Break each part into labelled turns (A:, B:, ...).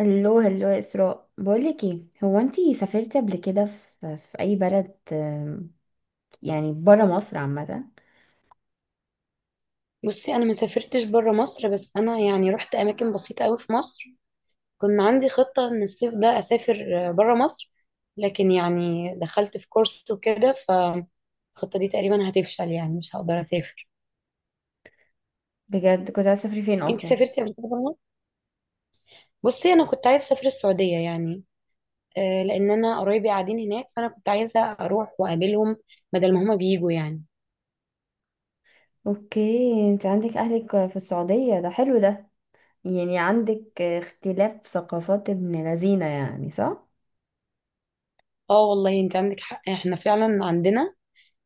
A: هلو هلو يا اسراء، بقولك ايه، هو انتي سافرتي قبل كده في اي بلد؟ يعني برا مصر عامه.
B: بصي، انا ما سافرتش بره مصر، بس انا يعني رحت اماكن بسيطه قوي في مصر. كنا عندي خطه ان الصيف ده اسافر بره مصر، لكن يعني دخلت في كورس وكده فالخطه دي تقريبا هتفشل، يعني مش هقدر اسافر.
A: بجد كنت عايزه تسافري فين
B: انت
A: اصلا؟
B: سافرتي قبل كده بره مصر؟ بصي، انا كنت عايزه اسافر السعوديه يعني. لان انا قرايبي قاعدين هناك، فانا كنت عايزه اروح واقابلهم، بدل ما هما بيجوا يعني.
A: اوكي، انت عندك اهلك في السعوديه، ده حلو ده. يعني عندك اختلاف ثقافات ابن لذينه، يعني صح.
B: اه، والله انت عندك حق، احنا فعلا عندنا.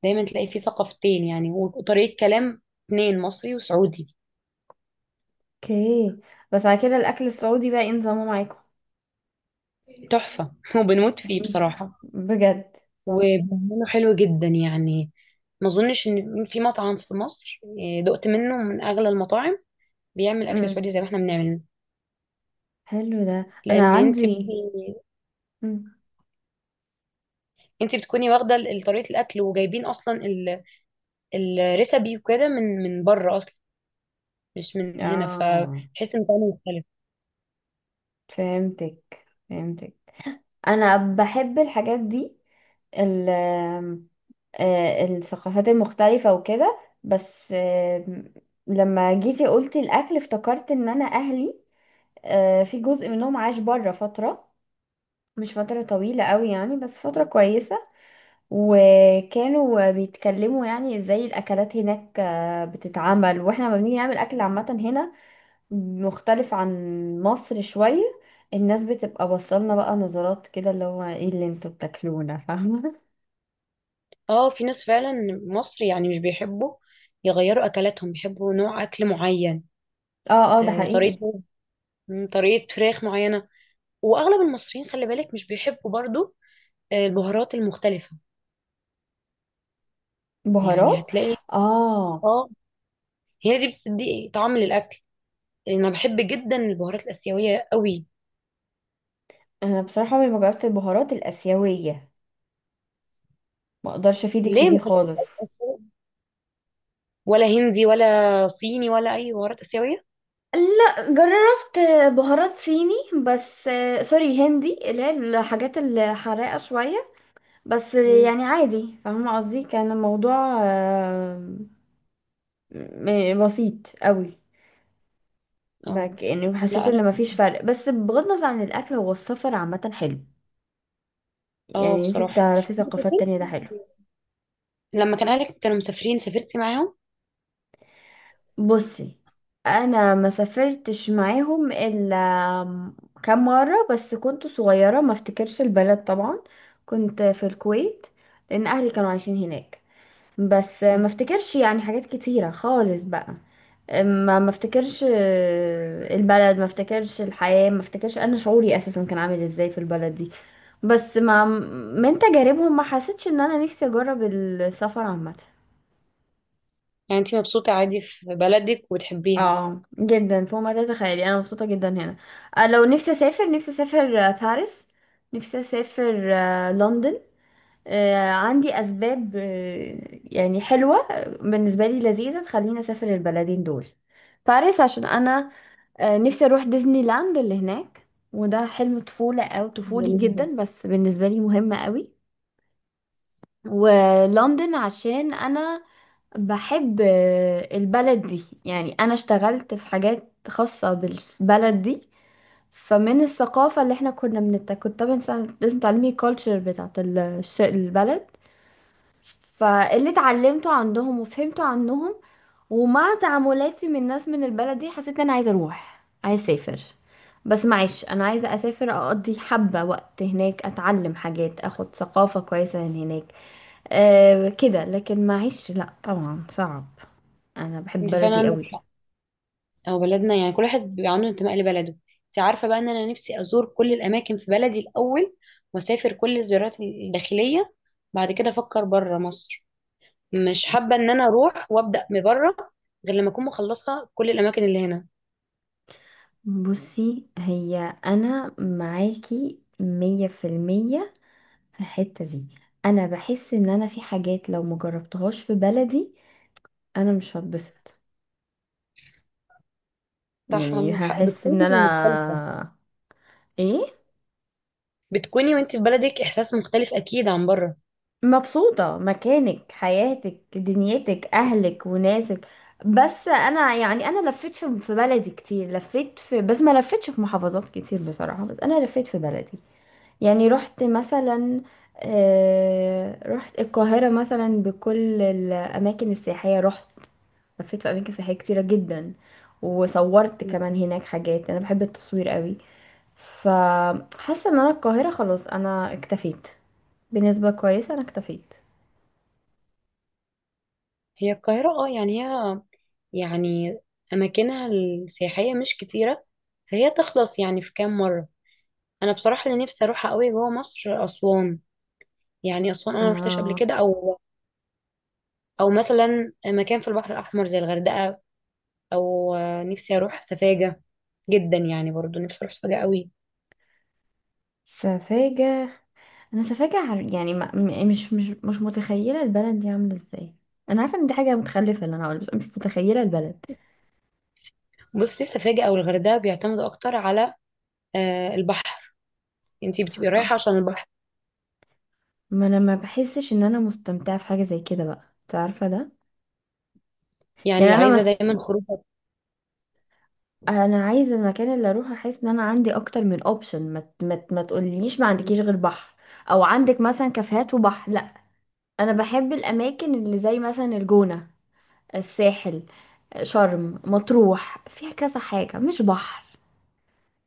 B: دايما تلاقي في ثقافتين يعني، وطريقه كلام اتنين، مصري وسعودي.
A: اوكي. بس على كده الاكل السعودي بقى ايه نظامه معاكم؟
B: تحفة وبنموت فيه بصراحة.
A: مم. بجد؟
B: وبنعمله حلو جدا يعني. ما اظنش ان في مطعم في مصر، دقت منه من اغلى المطاعم، بيعمل اكل
A: امم
B: سعودي زي ما احنا بنعمل.
A: حلو ده، انا
B: لان انت
A: عندي.
B: بتبقي-
A: مم.
B: انت بتكوني واخده طريقه الاكل، وجايبين اصلا الريسبي وكده من بره اصلا، مش من هنا،
A: اه،
B: فبحس ان طعمه مختلف.
A: فهمتك فهمتك، انا بحب الحاجات دي. ال الثقافات المختلفة وكده، بس لما جيتي قلتي الأكل افتكرت إن أنا أهلي، في جزء منهم عاش بره فترة. مش فترة طويلة قوي يعني، بس فترة كويسة. وكانوا بيتكلموا يعني ازاي الأكلات هناك بتتعمل، واحنا لما بنيجي نعمل أكل عامة هنا مختلف عن مصر شوية. الناس بتبقى بصلنا بقى نظرات كده، اللي هو ايه اللي انتوا بتاكلونا، فاهمة؟
B: اه، في ناس فعلا مصر يعني مش بيحبوا يغيروا اكلاتهم، بيحبوا نوع اكل معين.
A: اه اه، ده
B: آه،
A: حقيقي.
B: طريقه طريقه فراخ معينه. واغلب المصريين خلي بالك مش بيحبوا برضو البهارات المختلفه. يعني
A: بهارات.
B: هتلاقي.
A: اه.
B: اه. هي دي بتدي طعم للاكل. انا بحب جدا البهارات الاسيويه قوي.
A: انا بصراحة عمري ما جربت البهارات الآسيوية، ما اقدرش افيدك في
B: ليه،
A: دي
B: ما كانتش
A: خالص.
B: آسيوية؟ ولا هندي ولا صيني ولا اي بهارات اسيويه.
A: لا، جربت بهارات صيني، بس سوري هندي، اللي هي الحاجات الحراقة شوية. بس
B: مم.
A: يعني عادي، فاهمة قصدي، كان الموضوع بسيط قوي.
B: اه.
A: بك يعني حسيت
B: لا،
A: ان
B: انا.
A: مفيش فرق، بس بغض النظر عن الاكل هو السفر عامة حلو.
B: اه،
A: يعني انت
B: بصراحه،
A: تعرفي
B: انت
A: ثقافات
B: سافرتي
A: تانية، ده حلو.
B: لما كان اهلك كانوا مسافرين؟ سافرتي معاهم؟
A: بصي، انا ما سافرتش معاهم الا كام مرة، بس كنت صغيرة ما افتكرش البلد طبعا. كنت في الكويت، لان اهلي كانوا عايشين هناك. بس ما
B: مم.
A: افتكرش يعني حاجات كتيرة خالص بقى. ما افتكرش البلد، ما افتكرش الحياة، ما افتكرش انا شعوري اساسا كان عامل ازاي في البلد دي. بس ما من تجاربهم ما حسيتش ان انا نفسي اجرب السفر عامه.
B: يعني انت مبسوطه عادي في بلدك وتحبيها.
A: اه جدا، فوق ما تتخيلي، انا مبسوطه جدا هنا. لو نفسي اسافر، نفسي اسافر باريس، نفسي اسافر لندن. عندي اسباب يعني حلوه بالنسبه لي لذيذه تخليني اسافر البلدين دول. باريس عشان انا نفسي اروح ديزني لاند اللي هناك، وده حلم طفوله او طفولي
B: جميل جدا.
A: جدا، بس بالنسبه لي مهم قوي. ولندن عشان انا بحب البلد دي، يعني انا اشتغلت في حاجات خاصة بالبلد دي. فمن الثقافة اللي احنا كنا كنت طبعا لازم تعلمي الكالتشر بتاعت البلد، فاللي اتعلمته عندهم وفهمته عنهم ومع تعاملاتي من الناس من البلد دي حسيت ان انا عايزة اروح، عايزة اسافر. بس معيش، انا عايزة اسافر اقضي حبة وقت هناك، اتعلم حاجات، اخد ثقافة كويسة من هناك. أه كده. لكن معيش، لا طبعا، صعب، انا بحب
B: انت فعلا
A: بلدي
B: عندك
A: قوي.
B: حق. او بلدنا يعني، كل واحد بيبقى عنده انتماء لبلده. انت عارفه بقى ان انا نفسي ازور كل الاماكن في بلدي الاول، واسافر كل الزيارات الداخليه، بعد كده افكر بره مصر. مش حابه ان انا اروح وابدا من بره، غير لما اكون مخلصه كل الاماكن اللي هنا.
A: بصي هي انا معاكي 100% في الحتة دي. انا بحس ان انا في حاجات لو مجربتهاش في بلدي انا مش هتبسط،
B: صح،
A: يعني
B: عندك حق،
A: هحس
B: بتكون
A: ان انا
B: مختلفه.
A: ايه.
B: بتكوني وانت في بلدك احساس مختلف اكيد عن بره.
A: مبسوطة مكانك، حياتك، دنيتك، اهلك وناسك. بس انا يعني، انا لفيت في بلدي كتير، لفيت في، بس ما لفيتش في محافظات كتير بصراحة، بس انا لفيت في بلدي. يعني رحت مثلا رحت القاهرة مثلا، بكل الأماكن السياحية رحت، لفيت في أماكن سياحية كتيرة جدا، وصورت
B: م.
A: كمان هناك حاجات، أنا بحب التصوير قوي. فحاسة إن أنا القاهرة خلاص، أنا اكتفيت، بنسبة كويسة أنا اكتفيت.
B: هي القاهره، اه، يعني هي، يعني اماكنها السياحيه مش كتيره، فهي تخلص يعني في كام مره. انا بصراحه اللي نفسي اروحها قوي جوه مصر اسوان. يعني اسوان انا ما رحتش قبل
A: اه
B: كده، او مثلا مكان في البحر الاحمر زي الغردقه، او نفسي اروح سفاجه جدا يعني. برضو نفسي اروح سفاجه قوي.
A: سفاجة، أنا سفاجة يعني ما م- مش متخيلة البلد دي عاملة ازاي. أنا عارفة إن دي حاجة متخلفة اللي أنا هقولها، بس أنا مش متخيلة البلد.
B: بصي، سفاجه او الغردقه بيعتمدوا اكتر على البحر. انتي بتبقي رايحه عشان البحر،
A: ما انا ما بحسش ان انا مستمتعه في حاجه زي كده بقى، انت عارفه ده. يعني
B: يعني
A: انا
B: عايزه
A: مس...
B: دايما خروج.
A: انا عايزه المكان اللي اروح احس ان انا عندي اكتر من اوبشن. ما تقوليش ما عندكيش غير بحر، او عندك مثلا كافيهات وبحر، لا. انا بحب الاماكن اللي زي مثلا الجونه، الساحل، شرم، مطروح، فيها كذا حاجه مش بحر.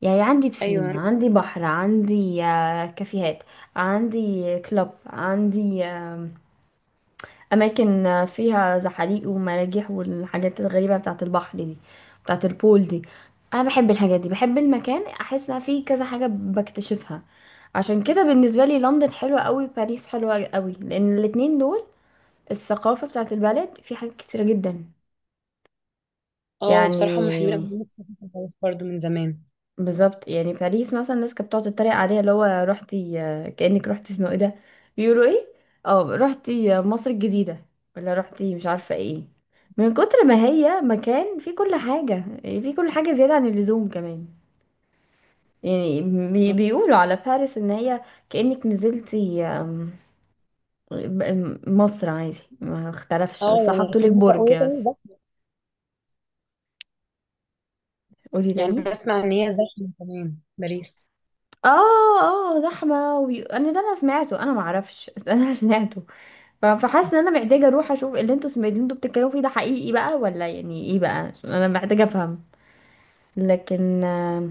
A: يعني عندي بسين،
B: ايوه.
A: عندي بحر، عندي كافيهات، عندي كلوب، عندي اماكن فيها زحاليق ومراجيح والحاجات الغريبه بتاعه البحر دي، بتاعه البول دي. انا بحب الحاجات دي، بحب المكان احس ان فيه كذا حاجه بكتشفها. عشان كده بالنسبه لي لندن حلوه قوي، باريس حلوه قوي، لان الاتنين دول الثقافه بتاعه البلد في حاجات كتيره جدا.
B: اه،
A: يعني
B: بصراحه هم حلوين أوي. نفسي أسافر خالص برضو من زمان.
A: بالظبط. يعني باريس مثلا الناس كانت بتقعد تتريق عليها، اللي هو رحتي كأنك رحتي اسمه ايه ده، بيقولوا ايه، اه، رحتي مصر الجديدة، ولا رحتي مش عارفة ايه. من كتر ما هي مكان فيه كل حاجة، يعني فيه كل حاجة زيادة عن اللزوم كمان. يعني بيقولوا على باريس ان هي كأنك نزلتي مصر، عادي ما اختلفش،
B: اه،
A: بس
B: يعني
A: حطوا لك
B: سمعت
A: برج
B: وهي كمان
A: بس.
B: زحمه.
A: قولي
B: يعني
A: تاني.
B: بسمع ان هي زحمه كمان باريس.
A: اه. اه، زحمة انا ده انا سمعته، انا معرفش بس انا سمعته. فحاسه ان انا محتاجه اروح اشوف اللي انتوا اللي انتوا بتتكلموا فيه ده حقيقي بقى ولا يعني ايه بقى، عشان انا محتاجه افهم. لكن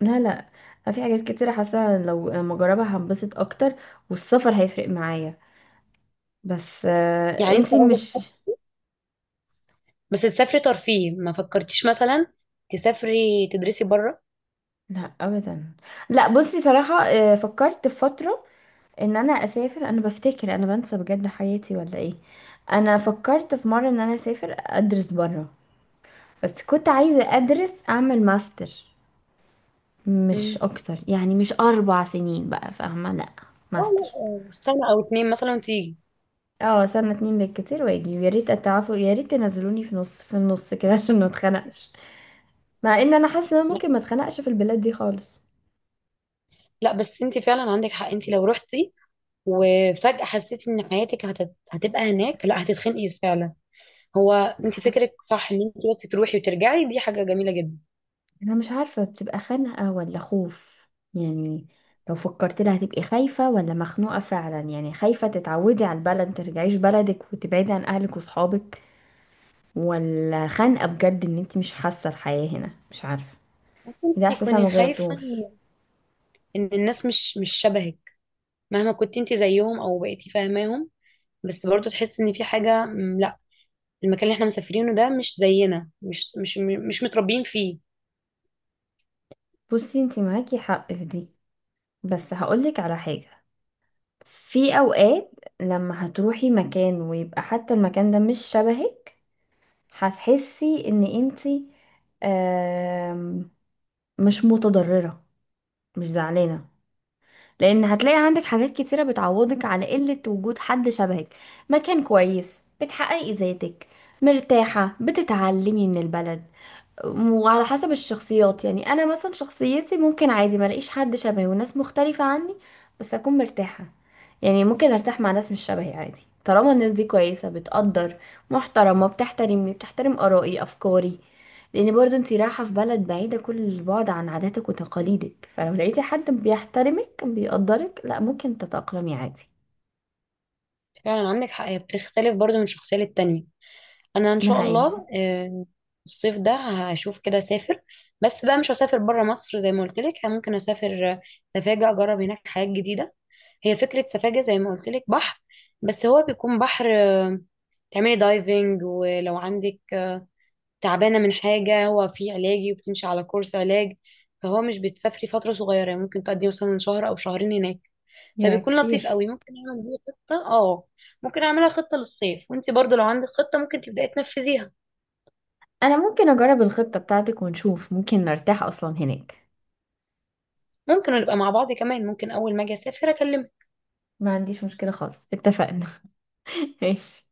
A: لا لا، في حاجات كتيره حاسه لو لما اجربها هنبسط اكتر، والسفر هيفرق معايا. بس
B: يعني انت
A: انتي
B: عايزه
A: مش.
B: بس تسافري ترفيه؟ ما فكرتيش مثلا تسافري تدرسي بره؟
A: لا ابدا. لا، بصي صراحه فكرت في فتره ان انا اسافر، انا بفتكر، انا بنسى بجد حياتي ولا ايه، انا فكرت في مره ان انا اسافر ادرس بره، بس كنت عايزه ادرس اعمل ماستر، مش
B: امم.
A: اكتر، يعني مش 4 سنين بقى، فاهمة، لا،
B: لا،
A: ماستر.
B: لا، سنة او اتنين مثلا وتيجي.
A: اه، سنة اتنين بالكتير واجي، ويا ريت اتعافوا، يا ريت تنزلوني في نص في النص كده عشان ما اتخنقش، مع ان انا حاسة ان أنا
B: لا،
A: ممكن ما اتخنقش في البلاد دي خالص.
B: لا، بس انت فعلا عندك حق. انت لو رحتي وفجأة حسيتي ان حياتك هتبقى هناك، لا هتتخنقي فعلا. هو انت فكرك صح ان انت بس تروحي وترجعي، دي حاجة جميلة جدا.
A: انا مش عارفة بتبقى خنقة ولا خوف، يعني لو فكرت لها هتبقي خايفة ولا مخنوقة فعلا، يعني خايفة تتعودي على البلد مترجعيش بلدك وتبعدي عن اهلك وصحابك، ولا خنقة بجد ان انت مش حاسة الحياة هنا، مش عارفة، ده
B: انت
A: احساس
B: كوني
A: انا
B: خايفة
A: مجربتوش.
B: إن الناس مش شبهك، مهما كنت انت زيهم او بقيتي فاهماهم، بس برضه تحس ان في حاجة. لا، المكان اللي احنا مسافرينه ده مش زينا، مش متربيين فيه.
A: بصي، انتي معاكي حق في دي، بس هقولك على حاجة. في اوقات لما هتروحي مكان ويبقى حتى المكان ده مش شبهك، هتحسي ان انتي آم، مش متضررة، مش زعلانة، لان هتلاقي عندك حاجات كتيرة بتعوضك على قلة وجود حد شبهك، مكان كويس، بتحققي ذاتك، مرتاحة، بتتعلمي من البلد. وعلى حسب الشخصيات، يعني انا مثلا شخصيتي ممكن عادي ما الاقيش حد شبهي والناس مختلفة عني بس اكون مرتاحة. يعني ممكن ارتاح مع ناس مش شبهي عادي، طالما الناس دي كويسة بتقدر، محترمة بتحترمني، بتحترم آرائي أفكاري، لأن برضو انتي رايحة في بلد بعيدة كل البعد عن عاداتك وتقاليدك، فلو لقيتي حد بيحترمك بيقدرك، لا ممكن تتأقلمي عادي.
B: فعلا عندك حق، هي بتختلف برضو من شخصية للتانية. انا ان
A: ده
B: شاء
A: حقيقي.
B: الله الصيف ده هشوف كده اسافر. بس بقى مش هسافر بره مصر زي ما قلت لك. ممكن اسافر سفاجة، اجرب هناك حاجات جديدة. هي فكرة سفاجة زي ما قلت لك بحر، بس هو بيكون بحر تعملي دايفنج، ولو عندك تعبانة من حاجة هو فيه علاجي وبتمشي على كورس علاج. فهو مش بتسافري فترة صغيرة، يعني ممكن تقضي مثلا شهر او شهرين هناك،
A: يا
B: فبيكون لطيف
A: كتير.
B: قوي. ممكن اعمل دي خطة. اه، ممكن اعملها خطة للصيف، وانت برضو لو عندك خطة ممكن تبداي تنفذيها.
A: أنا ممكن أجرب الخطة بتاعتك ونشوف ممكن نرتاح أصلا هناك.
B: ممكن نبقى مع بعض كمان، ممكن اول ما اجي اسافر اكلمك.
A: ما عنديش مشكلة خالص، اتفقنا. ماشي.